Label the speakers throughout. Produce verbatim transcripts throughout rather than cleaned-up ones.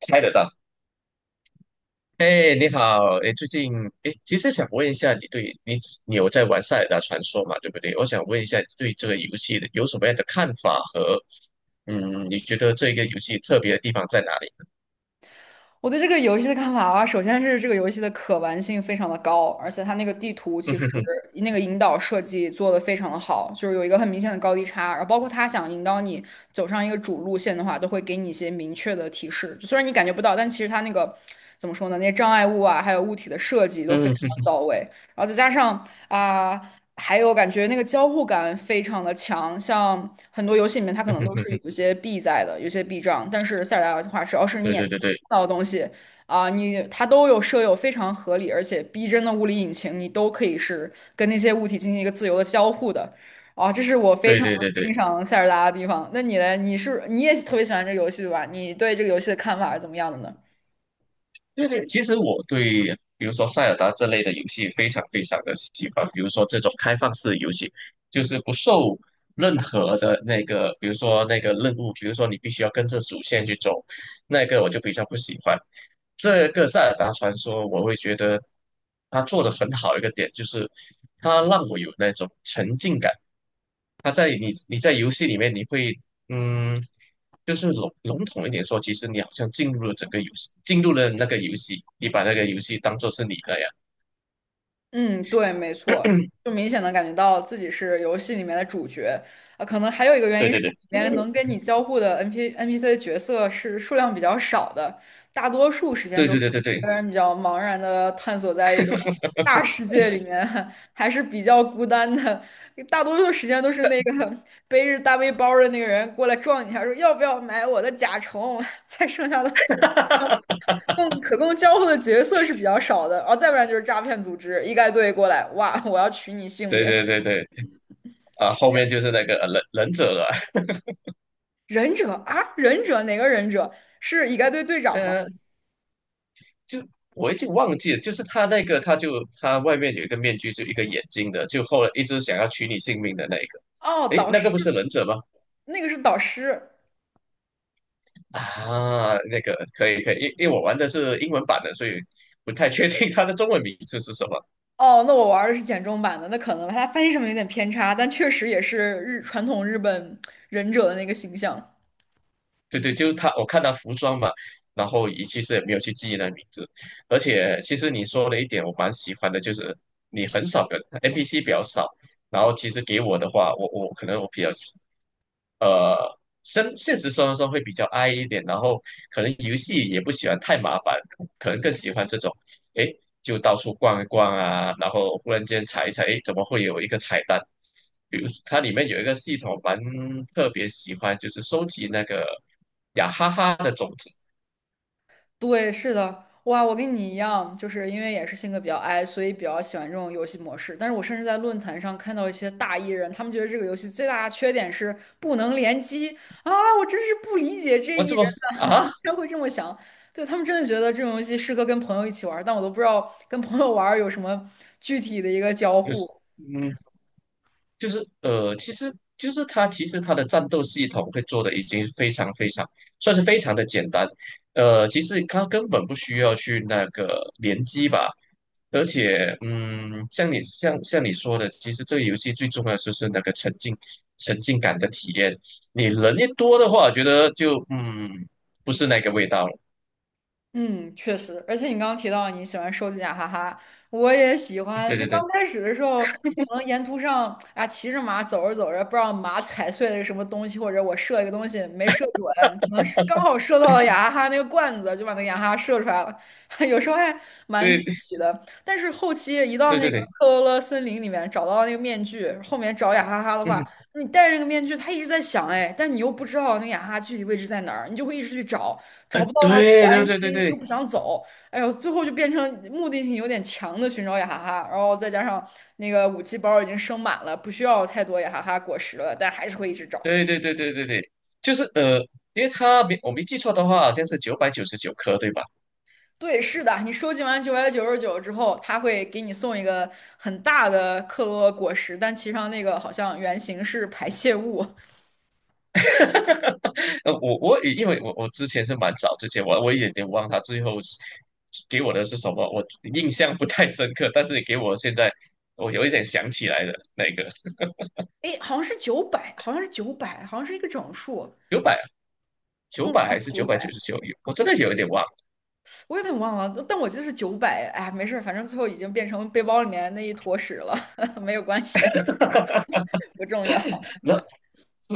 Speaker 1: 猜得到。哎，你好，哎，最近哎，其实想问一下，你对你你有在玩《塞尔达传说》嘛？对不对？我想问一下，你对这个游戏的有什么样的看法和嗯，你觉得这个游戏特别的地方在哪里？
Speaker 2: 我对这个游戏的看法啊，首先是这个游戏的可玩性非常的高，而且它那个地图
Speaker 1: 嗯
Speaker 2: 其实
Speaker 1: 哼哼，
Speaker 2: 那个引导设计做的非常的好，就是有一个很明显的高低差，然后包括它想引导你走上一个主路线的话，都会给你一些明确的提示，就虽然你感觉不到，但其实它那个怎么说呢，那些障碍物啊，还有物体的设计都非
Speaker 1: 嗯哼
Speaker 2: 常的
Speaker 1: 哼，
Speaker 2: 到位，然后再加上啊。还有感觉那个交互感非常的强，像很多游戏里面它可
Speaker 1: 嗯
Speaker 2: 能
Speaker 1: 哼
Speaker 2: 都
Speaker 1: 哼
Speaker 2: 是有
Speaker 1: 哼，
Speaker 2: 一些币在的，有些币障，但是塞尔达的话，只要是你
Speaker 1: 对
Speaker 2: 眼
Speaker 1: 对
Speaker 2: 前
Speaker 1: 对对
Speaker 2: 看到的东西啊、你它都有设有非常合理而且逼真的物理引擎，你都可以是跟那些物体进行一个自由的交互的，啊，这是我非
Speaker 1: 对
Speaker 2: 常
Speaker 1: 对对
Speaker 2: 欣
Speaker 1: 对。
Speaker 2: 赏塞尔达的地方。那你呢？你是你也特别喜欢这个游戏对吧？你对这个游戏的看法是怎么样的呢？
Speaker 1: 对对，其实我对比如说塞尔达这类的游戏非常非常的喜欢，比如说这种开放式游戏，就是不受任何的那个，比如说那个任务，比如说你必须要跟着主线去走，那个我就比较不喜欢。这个《塞尔达传说》，我会觉得它做的很好的一个点，就是它让我有那种沉浸感。它在你你在游戏里面，你会嗯，就是笼笼统一点说，其实你好像进入了整个游戏，进入了那个游戏，你把那个游戏当做是你那样。
Speaker 2: 嗯，对，没错，就明显的感觉到自己是游戏里面的主角啊。可能还有一个原
Speaker 1: 对
Speaker 2: 因是，
Speaker 1: 对对
Speaker 2: 里面能跟你交互的 N P N P C 角色是数量比较少的，大多数时间
Speaker 1: 对
Speaker 2: 都
Speaker 1: 对
Speaker 2: 是
Speaker 1: 对对
Speaker 2: 一
Speaker 1: 对
Speaker 2: 个人比较茫然的探索在一个大世界里面，还是比较孤单的。大多数时间都是那个背着大背包儿的那个人过来撞你一下，说要不要买我的甲虫，才剩下的 供可供交互的角色是比较少的，然后再不然就是诈骗组织，一概队过来，哇，我要取你性
Speaker 1: 对
Speaker 2: 命。
Speaker 1: 对对对，啊，后面就是那个呃忍忍者了。
Speaker 2: 忍者啊，忍者哪个忍者？是一概队队长吗？
Speaker 1: 就我已经忘记了，就是他那个，他就他外面有一个面具，就一个眼睛的，就后来一直想要取你性命的那一个。
Speaker 2: 哦，
Speaker 1: 诶，
Speaker 2: 导
Speaker 1: 那个
Speaker 2: 师，
Speaker 1: 不是忍者吗？
Speaker 2: 那个是导师。
Speaker 1: 啊，那个可以可以，因因为我玩的是英文版的，所以不太确定他的中文名字是什么。
Speaker 2: 哦，那我玩的是简中版的，那可能他翻译上面有点偏差，但确实也是日传统日本忍者的那个形象。
Speaker 1: 对对，就是他，我看他服装嘛，然后也其实也没有去记忆那名字，而且其实你说了一点，我蛮喜欢的，就是你很少跟 N P C 比较少，然后其实给我的话，我我可能我比较呃，生现实生活中会比较 i 一点，然后可能游戏也不喜欢太麻烦，可能更喜欢这种，诶，就到处逛一逛啊，然后忽然间查一查，诶，怎么会有一个彩蛋？比如它里面有一个系统蛮特别喜欢，就是收集那个雅哈哈的种子。
Speaker 2: 对，是的，哇，我跟你一样，就是因为也是性格比较 i，所以比较喜欢这种游戏模式。但是我甚至在论坛上看到一些大 E 人，他们觉得这个游戏最大的缺点是不能联机啊！我真是不理解这
Speaker 1: 我
Speaker 2: E
Speaker 1: 怎
Speaker 2: 人
Speaker 1: 么
Speaker 2: 呐，
Speaker 1: 啊，
Speaker 2: 他会这么想。对，他们真的觉得这种游戏适合跟朋友一起玩儿但我都不知道跟朋友玩儿有什么具体的一个交
Speaker 1: 有
Speaker 2: 互。
Speaker 1: 嗯。就是呃，其实就是它其实它的战斗系统会做的已经非常非常算是非常的简单，呃，其实它根本不需要去那个联机吧，而且嗯，像你像像你说的，其实这个游戏最重要的就是那个沉浸沉浸感的体验，你人一多的话，我觉得就嗯不是那个味道了，
Speaker 2: 嗯，确实，而且你刚刚提到你喜欢收集雅哈哈，我也喜欢。
Speaker 1: 对
Speaker 2: 就
Speaker 1: 对
Speaker 2: 刚
Speaker 1: 对
Speaker 2: 开始的时候，可能沿途上啊，骑着马走着走着，不知道马踩碎了个什么东西，或者我射一个东西没射准，可能是刚好射到了雅哈哈那个罐子，就把那个雅哈哈射出来了。有时候还蛮惊
Speaker 1: 对
Speaker 2: 喜的。但是后期一到
Speaker 1: 对
Speaker 2: 那
Speaker 1: 对
Speaker 2: 个
Speaker 1: 对，
Speaker 2: 克罗勒森林里面找到那个面具，后面找雅哈哈的话，
Speaker 1: 嗯，
Speaker 2: 你戴着那个面具，他一直在想哎，但你又不知道那个雅哈哈具体位置在哪儿，你就会一直去找。
Speaker 1: 呃，
Speaker 2: 找不到的话，又不
Speaker 1: 对对
Speaker 2: 安
Speaker 1: 对对
Speaker 2: 心，
Speaker 1: 对。
Speaker 2: 又不 想走，哎呦，最后就变成目的性有点强的寻找雅哈哈，然后再加上那个武器包已经升满了，不需要太多雅哈哈果实了，但还是会一直找。
Speaker 1: 对对对对对对，就是呃，因为它没我没记错的话，好像是九百九十九颗，对吧？
Speaker 2: 对，是的，你收集完九百九十九之后，他会给你送一个很大的克洛果实，但其实上那个好像原型是排泄物，
Speaker 1: 呃，我我也因为我我之前是蛮早之前，我我也有点忘它最后是给我的是什么，我印象不太深刻，但是你给我现在我有一点想起来的那个
Speaker 2: 哎，好像是九百，好像是九百，好像是一个整数，
Speaker 1: 九百九
Speaker 2: 嗯，
Speaker 1: 百
Speaker 2: 好像
Speaker 1: 还是
Speaker 2: 九
Speaker 1: 九百
Speaker 2: 百。
Speaker 1: 九十九，我真的有一点忘了。
Speaker 2: 我有点忘了，但我记得是九百。哎，没事儿，反正最后已经变成背包里面那一坨屎了，没有关系，不重要。
Speaker 1: 那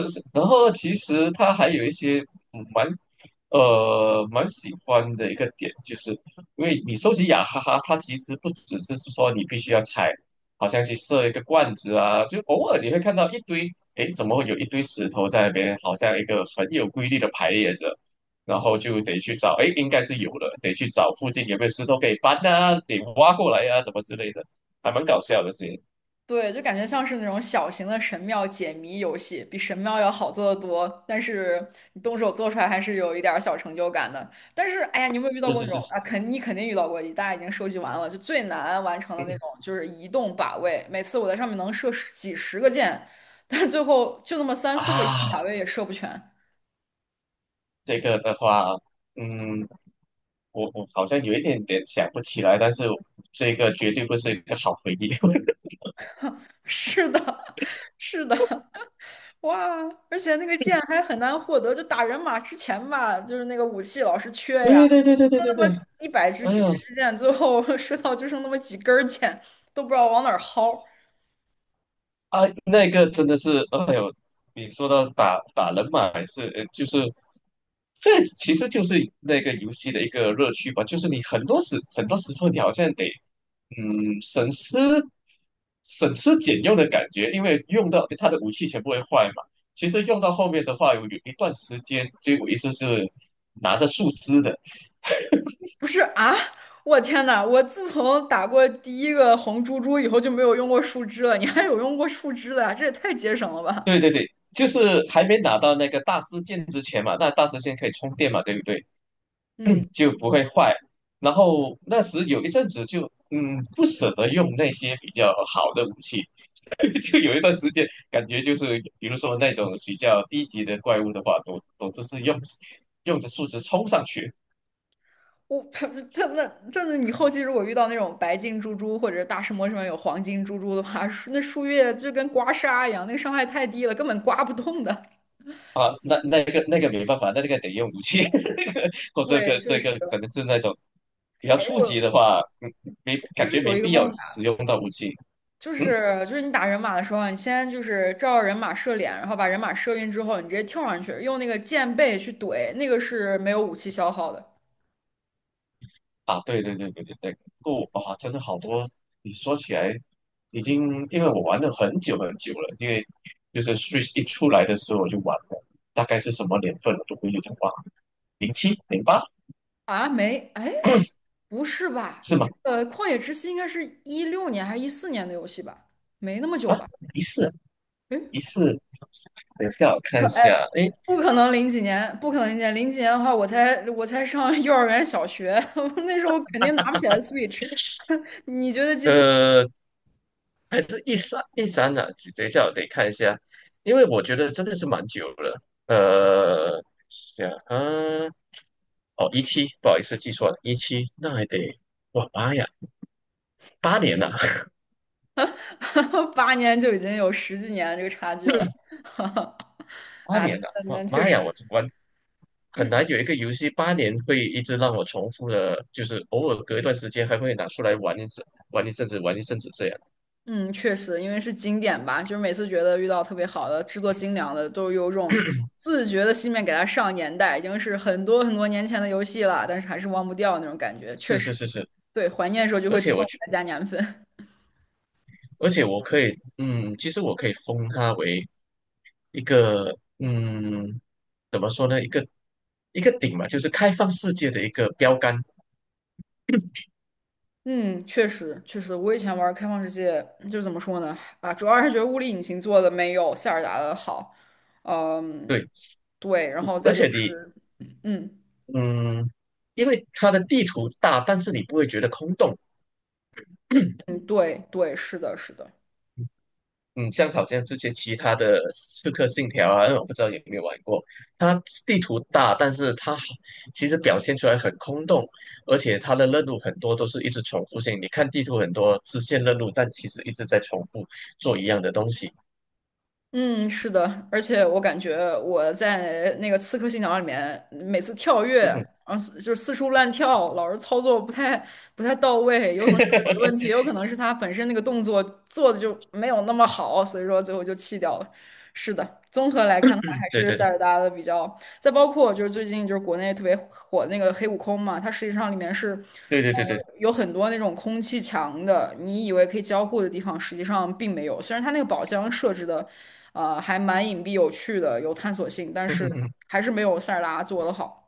Speaker 1: 是是，然后其实他还有一些嗯蛮呃蛮喜欢的一个点，就是因为你收集雅哈哈，它其实不只是说你必须要踩，好像去设一个罐子啊，就偶尔你会看到一堆，诶，怎么会有一堆石头在那边，好像一个很有规律的排列着，然后就得去找，诶，应该是有了，得去找附近有没有石头可以搬啊，得挖过来啊，怎么之类的，还蛮搞笑的事情。
Speaker 2: 对，就感觉像是那种小型的神庙解谜游戏，比神庙要好做得多。但是你动手做出来还是有一点儿小成就感的。但是，哎呀，你有没有遇到
Speaker 1: 是
Speaker 2: 过那
Speaker 1: 是
Speaker 2: 种
Speaker 1: 是，
Speaker 2: 啊？肯你肯定遇到过，大家已经收集完了，就最难完成的
Speaker 1: 嗯
Speaker 2: 那
Speaker 1: 嗯
Speaker 2: 种，就是移动靶位。每次我在上面能射十几十个箭，但最后就那么三四个移
Speaker 1: 啊，
Speaker 2: 动靶位也射不全。
Speaker 1: 这个的话，嗯，我我好像有一点点想不起来，但是这个绝对不是一个好回忆。
Speaker 2: 是的，是的。哇，而且那个剑还很难获得，就打人马之前吧，就是那个武器老是缺呀，
Speaker 1: 对对对对对
Speaker 2: 就
Speaker 1: 对
Speaker 2: 那
Speaker 1: 对，
Speaker 2: 么一百支、
Speaker 1: 哎
Speaker 2: 几
Speaker 1: 呦
Speaker 2: 十支箭，最后 射到就剩那么几根儿箭，都不知道往哪儿薅。
Speaker 1: 啊，那个真的是，哎呦，你说到打打人嘛，还是呃就是这其实就是那个游戏的一个乐趣吧，就是你很多时很多时候你好像得嗯，省吃省吃俭用的感觉，因为用到他的武器全部会坏嘛。其实用到后面的话，有有一段时间，就我一直是拿着树枝的，
Speaker 2: 不是啊，我天呐，我自从打过第一个红猪猪以后就没有用过树枝了，你还有用过树枝的呀？这也太节省了吧？
Speaker 1: 就是还没拿到那个大师剑之前嘛，那大师剑可以充电嘛，对不对？
Speaker 2: 嗯。
Speaker 1: 就不会坏。然后那时有一阵子就嗯不舍得用那些比较好的武器，就有一段时间感觉就是比如说那种比较低级的怪物的话，都都只是用用着数值冲上去
Speaker 2: 我 他真的真的，你后期如果遇到那种白金猪猪或者大石磨上面有黄金猪猪的话，树那树叶就跟刮痧一样，那个伤害太低了，根本刮不动的。
Speaker 1: 啊，那那个那个没办法，那个得用武器，那个或这
Speaker 2: 对，
Speaker 1: 个
Speaker 2: 确
Speaker 1: 这
Speaker 2: 实。
Speaker 1: 个可能是那种比较
Speaker 2: 哎，
Speaker 1: 初级
Speaker 2: 我
Speaker 1: 的话，嗯没
Speaker 2: 其
Speaker 1: 感
Speaker 2: 实
Speaker 1: 觉
Speaker 2: 有
Speaker 1: 没
Speaker 2: 一个
Speaker 1: 必
Speaker 2: 方
Speaker 1: 要
Speaker 2: 法，
Speaker 1: 使用到武器。
Speaker 2: 就
Speaker 1: 嗯。
Speaker 2: 是就是你打人马的时候啊，你先就是照人马射脸，然后把人马射晕之后，你直接跳上去，用那个箭背去怼，那个是没有武器消耗的。
Speaker 1: 啊，对对对对对对，不啊，真的好多。你说起来，已经因为我玩了很久很久了，因为就是 Switch 一出来的时候我就玩了，大概是什么年份我都有点忘了，零七 零八
Speaker 2: 啊，没，哎，不是吧？
Speaker 1: 是吗？
Speaker 2: 这个《旷野之息》应该是一六年还是一四年的游戏吧？没那么久
Speaker 1: 啊，
Speaker 2: 吧？
Speaker 1: 一四一四，等一下我看
Speaker 2: 可
Speaker 1: 一
Speaker 2: 哎，
Speaker 1: 下，诶，
Speaker 2: 不可能零几年，不可能零几年，零几年的话，我才我才上幼儿园、小学，我那时候肯定拿不起来 Switch。你绝对记错
Speaker 1: 呃，还是一三一三呢、等一下我得看一下，因为我觉得真的是蛮久了，呃，想啊，哦，一七，不好意思记错了，一七，那还得。哇妈呀！八年了，
Speaker 2: 了，八年就已经有十几年这个差距了。
Speaker 1: 八
Speaker 2: 啊，
Speaker 1: 年了，哇
Speaker 2: 那确
Speaker 1: 妈呀！我
Speaker 2: 实，
Speaker 1: 玩很难有一个游戏八年会一直让我重复的，就是偶尔隔一段时间还会拿出来玩一阵，玩一阵子，玩一阵子这样。
Speaker 2: 嗯，确实，因为是经典吧，就是每次觉得遇到特别好的、制作精良的，都有种 自觉的心愿给它上年代，已经是很多很多年前的游戏了，但是还是忘不掉那种感觉。确
Speaker 1: 是是
Speaker 2: 实，
Speaker 1: 是是，
Speaker 2: 对，怀念的时候就
Speaker 1: 而
Speaker 2: 会自
Speaker 1: 且
Speaker 2: 动
Speaker 1: 我
Speaker 2: 给
Speaker 1: 觉，
Speaker 2: 它加年份。
Speaker 1: 而且我可以，嗯，其实我可以封它为一个，嗯，怎么说呢，一个一个顶嘛，就是开放世界的一个标杆。
Speaker 2: 嗯，确实确实，我以前玩开放世界，就是怎么说呢？啊，主要还是觉得物理引擎做的没有塞尔达的好。嗯，
Speaker 1: 对，
Speaker 2: 对，然后
Speaker 1: 而
Speaker 2: 再
Speaker 1: 且
Speaker 2: 就
Speaker 1: 你，
Speaker 2: 是，嗯
Speaker 1: 嗯，因为它的地图大，但是你不会觉得空洞，
Speaker 2: 嗯，对对，是的，是的。
Speaker 1: 嗯，像好像这些其他的《刺客信条》啊，嗯我不知道有没有玩过。它地图大，但是它好其实表现出来很空洞，而且它的任务很多都是一直重复性。你看地图很多支线任务，但其实一直在重复做一样的东西。
Speaker 2: 嗯，是的，而且我感觉我在那个《刺客信条》里面，每次跳跃，然后四就是四处乱跳，老是操作不太不太到位，有可能是我的问题，也有可能是他本身那个动作做的就没有那么好，所以说最后就弃掉了。是的，综合来看的话，还
Speaker 1: 对
Speaker 2: 是
Speaker 1: 对
Speaker 2: 塞
Speaker 1: 对
Speaker 2: 尔达的比较，再包括就是最近就是国内特别火的那个黑悟空嘛，它实际上里面是。
Speaker 1: 对对对对对，
Speaker 2: 呃有很多那种空气墙的，你以为可以交互的地方，实际上并没有。虽然它那个宝箱设置的，呃，还蛮隐蔽有趣的，有探索性，但是 还是没有塞尔达做的好。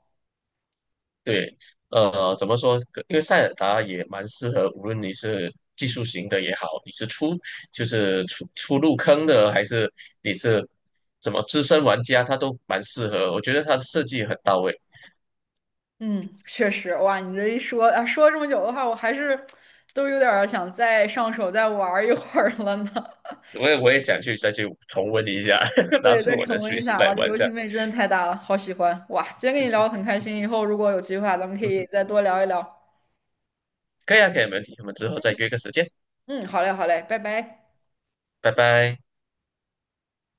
Speaker 1: 对，呃，怎么说？因为塞尔达也蛮适合，无论你是技术型的也好，你是初就是初初入坑的，还是你是怎么资深玩家，它都蛮适合。我觉得它的设计很到位，
Speaker 2: 嗯，确实，哇，你这一说啊，说了这么久的话，我还是都有点儿想再上手再玩儿一会儿了呢。
Speaker 1: 我也我也想去再去重温一下，拿
Speaker 2: 对，
Speaker 1: 出
Speaker 2: 再
Speaker 1: 我的
Speaker 2: 重温一
Speaker 1: Switch
Speaker 2: 下，
Speaker 1: 来
Speaker 2: 哇，这
Speaker 1: 玩一
Speaker 2: 游
Speaker 1: 下。
Speaker 2: 戏魅力真的太大了，好喜欢！哇，今天跟你聊得很开心，以后如果有机会啊，咱们可
Speaker 1: 嗯
Speaker 2: 以
Speaker 1: 哼，
Speaker 2: 再多聊一聊。
Speaker 1: 可以啊，可以，没问题。我们之后再约个时间，
Speaker 2: 嗯，好嘞，好嘞，拜拜。
Speaker 1: 拜拜。